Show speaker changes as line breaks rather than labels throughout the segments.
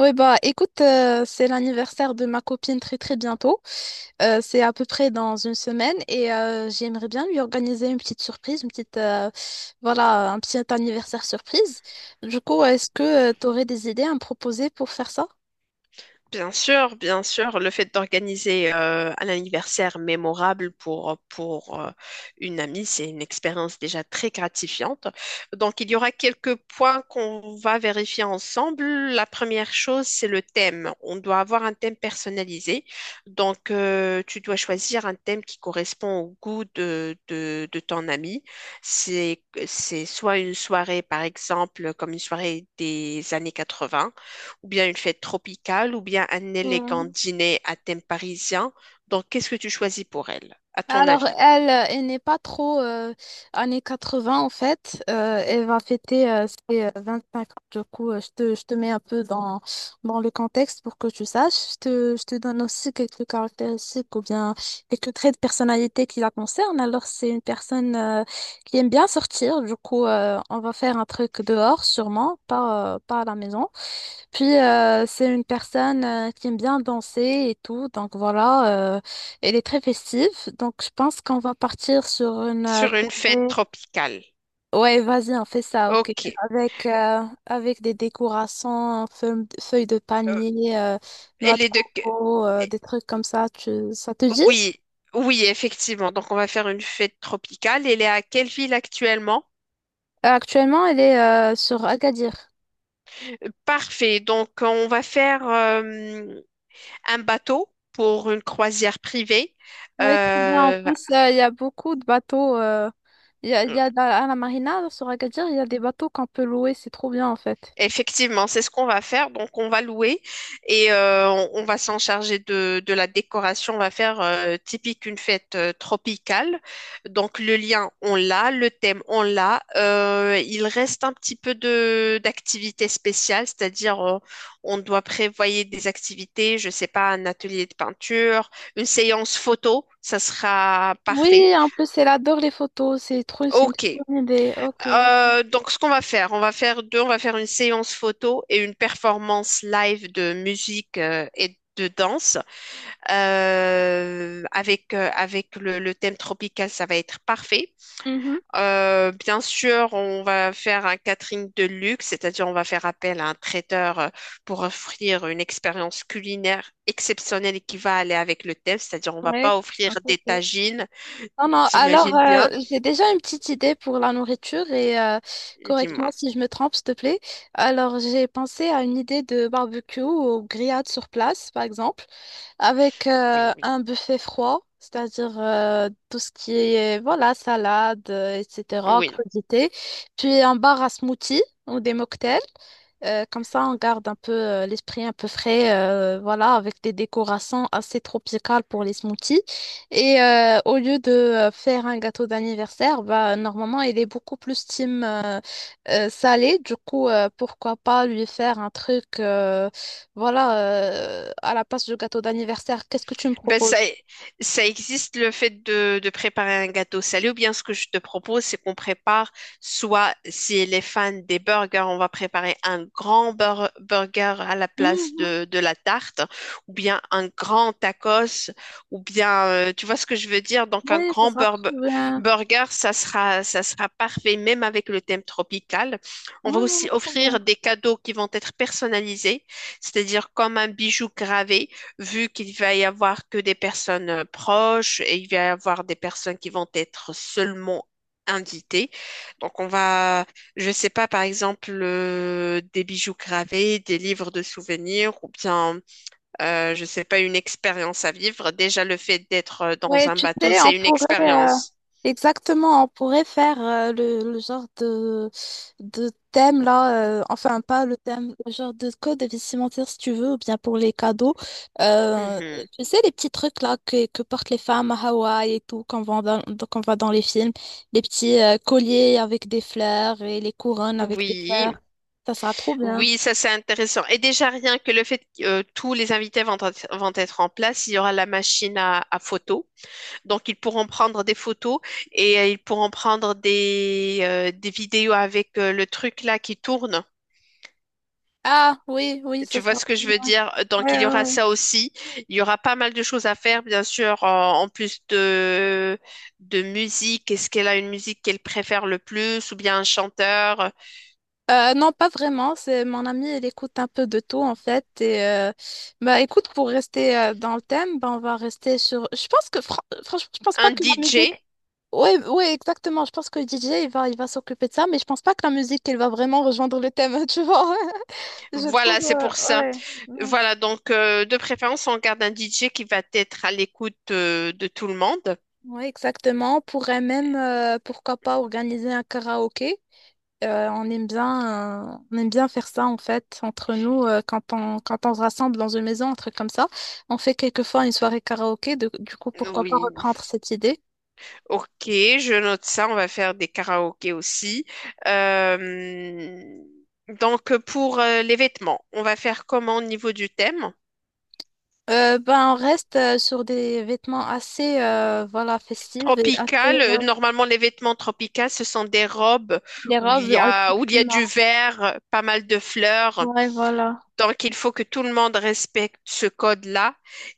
Oui, bah écoute, c'est l'anniversaire de ma copine très très bientôt. C'est à peu près dans une semaine et j'aimerais bien lui organiser une petite surprise, une petite, voilà, un petit anniversaire surprise. Du coup, est-ce que tu aurais des idées à me proposer pour faire ça?
Bien sûr, le fait d'organiser un anniversaire mémorable pour une amie, c'est une expérience déjà très gratifiante. Donc, il y aura quelques points qu'on va vérifier ensemble. La première chose, c'est le thème. On doit avoir un thème personnalisé. Donc, tu dois choisir un thème qui correspond au goût de ton amie. C'est soit une soirée, par exemple, comme une soirée des années 80 ou bien une fête tropicale, ou bien un élégant
Hmm.
dîner à thème parisien. Donc, qu'est-ce que tu choisis pour elle, à ton
Alors,
avis?
elle, elle n'est pas trop années 20 en fait. Elle va fêter ses 5 ans. Du coup, je te mets un peu dans le contexte pour que tu saches. Je te donne aussi quelques caractéristiques ou bien quelques traits de personnalité qui la concernent. Alors, c'est une personne qui aime bien sortir. Du coup, on va faire un truc dehors sûrement, pas à la maison. Puis c'est une personne qui aime bien danser et tout, donc voilà, elle est très festive, donc je pense qu'on va partir sur une
Sur une fête
tournée.
tropicale.
Ouais, vas-y, on fait ça, ok.
Ok.
Avec avec des décorations, feuilles de
Euh,
palmier, noix
elle
de
est de...
coco,
eh,
des trucs comme ça. Ça te dit?
Oui, oui, effectivement. Donc, on va faire une fête tropicale. Elle est à quelle ville actuellement?
Actuellement, elle est sur Agadir.
Euh, Parfait. Donc, on va faire un bateau pour une croisière privée.
Oui, très bien. En
Euh,
plus, il y a beaucoup de bateaux. Il y a, à la marina sur Agadir, il y a des bateaux qu'on peut louer. C'est trop bien en fait.
Effectivement, c'est ce qu'on va faire. Donc, on va louer et on va s'en charger de la décoration. On va faire typique une fête tropicale. Donc, le lien, on l'a, le thème, on l'a. Il reste un petit peu de d'activités spéciales, c'est-à-dire on doit prévoyer des activités, je sais pas, un atelier de peinture, une séance photo, ça sera parfait.
Oui, en plus, elle adore les photos. C'est trop, c'est une
Ok,
très bonne idée. Ok.
donc, ce qu'on va faire, on va faire une séance photo et une performance live de musique et de danse. Avec le thème tropical, ça va être parfait.
Mhm.
Bien sûr, on va faire un catering de luxe, c'est-à-dire on va faire appel à un traiteur pour offrir une expérience culinaire exceptionnelle et qui va aller avec le thème, c'est-à-dire on va
Ouais.
pas offrir
Ok,
des
ok.
tagines,
Non, non. Alors,
t'imagines bien?
j'ai déjà une petite idée pour la nourriture et correcte-moi
Dis-moi,
si je me trompe, s'il te plaît. Alors, j'ai pensé à une idée de barbecue ou grillade sur place, par exemple. avec
oui,
euh, oui, un buffet froid, c'est-à-dire tout ce qui est voilà, salade, etc.,
oui.
crudité. Puis un bar à smoothie ou des mocktails. Comme ça, on garde un peu l'esprit un peu frais, voilà, avec des décorations assez tropicales pour les smoothies. Et au lieu de faire un gâteau d'anniversaire, bah, normalement, il est beaucoup plus team salé. Du coup, pourquoi pas lui faire un truc, voilà, à la place du gâteau d'anniversaire, qu'est-ce que tu me
Ben
proposes?
ça existe le fait de préparer un gâteau salé ou bien ce que je te propose, c'est qu'on prépare soit si les fans des burgers, on va préparer un grand burger à la place
Mhm.
de la tarte ou bien un grand tacos ou bien tu vois ce que je veux dire? Donc un
Ouais, ça
grand
sera trop bien.
burger, ça sera parfait même avec le thème tropical. On va
Ouais, ouais, ouais,
aussi
trop bien.
offrir des cadeaux qui vont être personnalisés, c'est-à-dire comme un bijou gravé vu qu'il va y avoir que des personnes proches et il va y avoir des personnes qui vont être seulement invitées. Donc on va, je sais pas, par exemple, des bijoux gravés, des livres de souvenirs ou bien, je sais pas, une expérience à vivre. Déjà, le fait d'être dans
Ouais,
un
tu
bateau,
sais, on
c'est une
pourrait
expérience.
exactement, on pourrait faire le genre de thème là, enfin pas le thème, le genre de code vestimentaire si tu veux, ou bien pour les cadeaux. Euh,
Mhm.
tu sais, les petits trucs là que portent les femmes à Hawaï et tout, qu'on voit qu'on voit dans les films, les petits colliers avec des fleurs et les couronnes avec des
Oui,
fleurs, ça sera trop bien.
oui, ça c'est intéressant. Et déjà rien que le fait que tous les invités vont être en place, il y aura la machine à photos. Donc, ils pourront prendre des photos et ils pourront prendre des vidéos avec le truc là qui tourne.
Ah oui, oui, ça
Tu vois
sera
ce que
très
je
bien.
veux dire? Donc,
Ouais,
il y
ouais,
aura
ouais.
ça aussi. Il y aura pas mal de choses à faire, bien sûr, en plus de musique. Est-ce qu'elle a une musique qu'elle préfère le plus ou bien un chanteur,
Non, pas vraiment. C'est mon amie, elle écoute un peu de tout en fait. Bah écoute, pour rester dans le thème, bah, on va rester sur. Je pense que franchement, je pense
un
pas que la
DJ?
musique. Oui, oui, exactement. Je pense que le DJ, il va s'occuper de ça, mais je pense pas que la musique, elle va vraiment rejoindre le thème, tu vois. Je trouve,
Voilà, c'est pour ça.
ouais, ouais,
Voilà, donc de préférence, on garde un DJ qui va être à l'écoute de tout le monde.
ouais, exactement. On pourrait même, pourquoi pas, organiser un karaoké. On aime bien faire ça, en fait, entre nous, quand on se rassemble dans une maison, un truc comme ça. On fait quelquefois une soirée karaoké. Du coup, pourquoi pas
Oui,
reprendre cette idée?
Ok, je note ça. On va faire des karaokés aussi. Euh, donc, pour les vêtements, on va faire comment au niveau du thème?
Ben, on reste sur des vêtements assez, voilà, festifs et assez,
Tropical. Normalement, les vêtements tropicaux, ce sont des robes
des robes,
où il y a
exactement.
du vert, pas mal de fleurs.
Ouais, voilà.
Donc, il faut que tout le monde respecte ce code-là.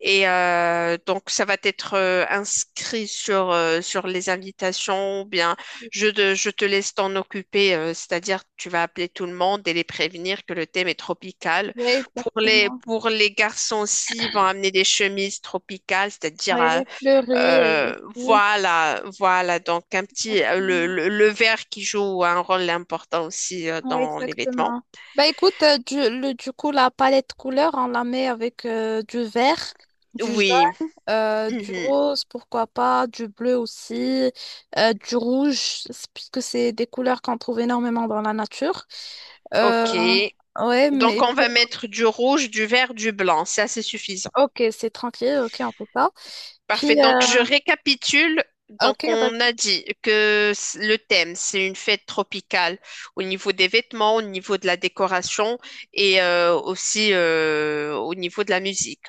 Et donc, ça va être inscrit sur, sur les invitations ou bien je te laisse t'en occuper, c'est-à-dire tu vas appeler tout le monde et les prévenir que le thème est tropical.
Ouais, exactement.
Pour les garçons aussi, ils vont amener des chemises tropicales, c'est-à-dire
Ouais,
euh,
pleurer
euh,
et tout.
voilà, voilà. Donc, un petit,
Exactement.
le vert qui joue un rôle important aussi
Ouais,
dans les vêtements.
exactement. Bah écoute, du coup, la palette couleur, on la met avec du vert, du
Oui.
jaune, du
Mhm.
rose, pourquoi pas, du bleu aussi, du rouge, c'est- puisque c'est des couleurs qu'on trouve énormément dans la nature. Euh,
Ok.
ouais,
Donc,
mais
on va
pour...
mettre du rouge, du vert, du blanc. Ça, C'est assez suffisant.
Ok, c'est tranquille, ok, on peut pas.
Parfait.
Puis,
Donc, je récapitule. Donc,
ok,
on
vas-y,
a dit que c- le thème, c'est une fête tropicale au niveau des vêtements, au niveau de la décoration et aussi au niveau de la musique.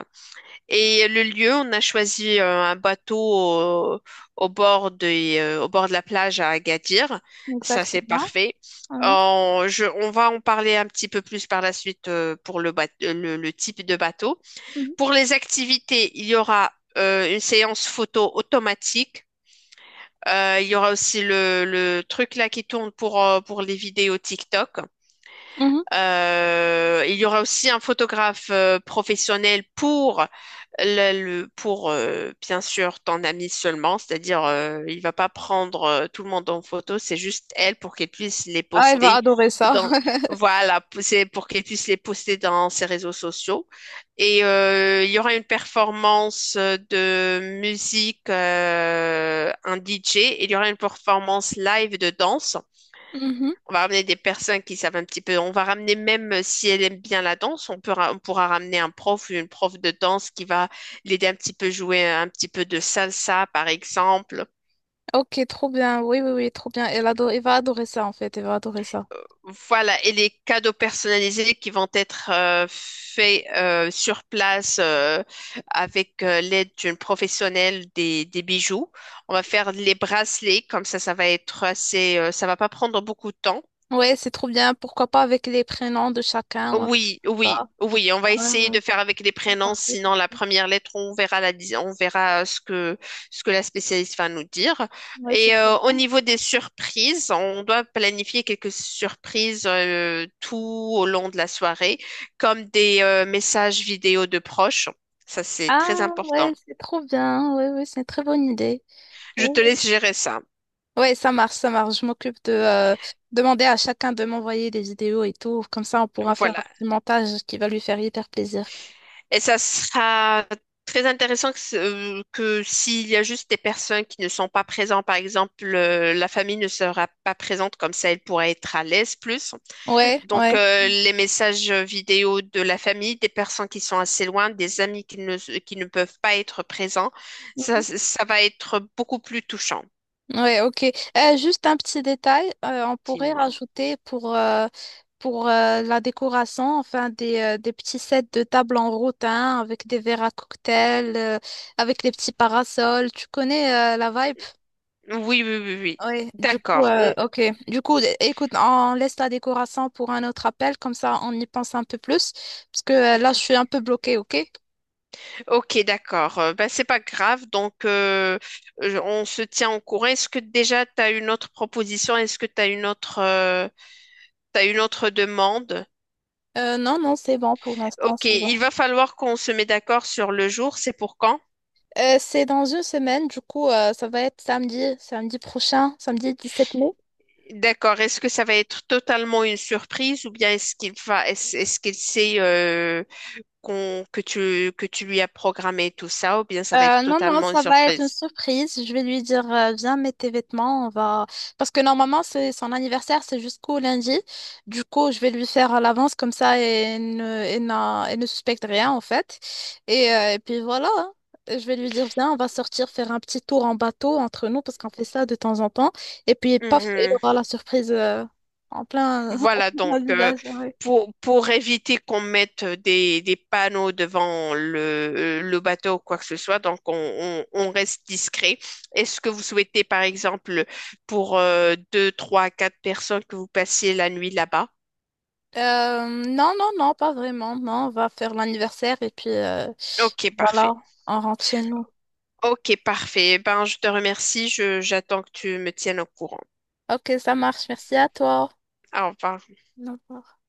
Et le lieu, on a choisi un bateau au, au bord des, au bord de la plage à Agadir. Ça, c'est
exactement.
parfait.
Ouais.
On va en parler un petit peu plus par la suite pour le, le type de bateau.
Mhm.
Pour les activités, il y aura une séance photo automatique. Il y aura aussi le truc là qui tourne pour les vidéos TikTok.
Mhm.
Il y aura aussi un photographe professionnel pour le, pour bien sûr ton ami seulement, c'est-à-dire il va pas prendre tout le monde en photo, c'est juste elle pour qu'elle puisse les
Ah, elle va
poster
adorer ça.
dans voilà, c'est pour qu'elle puisse les poster dans ses réseaux sociaux. Et il y aura une performance de musique, un DJ, et il y aura une performance live de danse.
Mhm.
On va ramener des personnes qui savent un petit peu. On va ramener même si elle aime bien la danse, on peut on pourra ramener un prof ou une prof de danse qui va l'aider un petit peu jouer un petit peu de salsa, par exemple.
Ok, trop bien. Oui, oui, oui, trop bien. Elle adore, elle va adorer ça, en fait. Elle va adorer ça.
Voilà, et les cadeaux personnalisés qui vont être faits sur place avec l'aide d'une professionnelle des bijoux. On va faire les bracelets, comme ça va être assez, ça va pas prendre beaucoup de temps.
Ouais, c'est trop bien. Pourquoi pas avec les prénoms de chacun ou un truc
Oui,
comme
oui,
ça.
oui, on va
Ouais,
essayer
ouais,
de faire avec les
ouais,
prénoms,
parfait,
sinon la
parfait.
première lettre, on verra on verra ce que la spécialiste va nous dire.
Ouais, c'est
Et
trop
au
bien.
niveau des surprises, on doit planifier quelques surprises tout au long de la soirée, comme des messages vidéo de proches. Ça, c'est très
Ah,
important.
ouais, c'est trop bien. Ouais, ouais, c'est une très bonne idée.
Je
Ouais,
te laisse gérer ça.
ouais, ouais, ça marche, ça marche. Je m'occupe de demander à chacun de m'envoyer des vidéos et tout. Comme ça, on pourra faire un
Voilà.
petit montage qui va lui faire hyper plaisir.
Et ça sera très intéressant que s'il y a juste des personnes qui ne sont pas présentes, par exemple, la famille ne sera pas présente, comme ça elle pourra être à l'aise plus.
Ouais,
Donc,
ouais.
les messages vidéo de la famille, des personnes qui sont assez loin, des amis qui ne peuvent pas être présents, ça va être beaucoup plus touchant,
Ouais, ok. Juste un petit détail, on pourrait
dis-moi.
rajouter pour la décoration, enfin des petits sets de table en rotin avec des verres à cocktail, avec des petits parasols. Tu connais la vibe?
Oui, oui, oui, oui.
Oui, du coup,
D'accord.
ok. Du coup, écoute, on laisse la décoration pour un autre appel, comme ça on y pense un peu plus, parce que là, je suis un peu bloquée, ok?
Ok, d'accord. Ben, c'est pas grave. Donc, on se tient au courant. Est-ce que déjà tu as une autre proposition? Est-ce que tu as une autre, t'as une autre demande?
Non, non, c'est bon pour l'instant,
Ok,
c'est bon.
il va falloir qu'on se mette d'accord sur le jour. C'est pour quand?
C'est dans une semaine, du coup, ça va être samedi, samedi prochain, samedi 17 mai.
D'accord. Est-ce que ça va être totalement une surprise ou bien est-ce qu'il va, est-ce qu'il sait qu'on, que tu lui as programmé tout ça ou bien ça va être
Non, non,
totalement une
ça va être une
surprise?
surprise. Je vais lui dire, viens, mets tes vêtements, on va... Parce que normalement, c'est son anniversaire, c'est jusqu'au lundi. Du coup, je vais lui faire à l'avance comme ça et ne suspecte rien, en fait. Et puis voilà, hein. Je vais lui dire, viens, on va sortir faire un petit tour en bateau entre nous, parce qu'on fait ça de temps en temps. Et puis, paf, il aura la surprise, en plein, en
Voilà, donc
plein visage.
pour éviter qu'on mette des panneaux devant le bateau ou quoi que ce soit, on reste discret. Est-ce que vous souhaitez, par exemple, pour deux, trois, quatre personnes que vous passiez la nuit là-bas?
Non, non, non, pas vraiment. Non, on va faire l'anniversaire et puis
Ok, parfait.
voilà, on rentre chez nous.
Ok, parfait. Eh Ben, je te remercie. J'attends que tu me tiennes au courant.
Ok, ça marche. Merci à toi.
Au revoir.
Au revoir.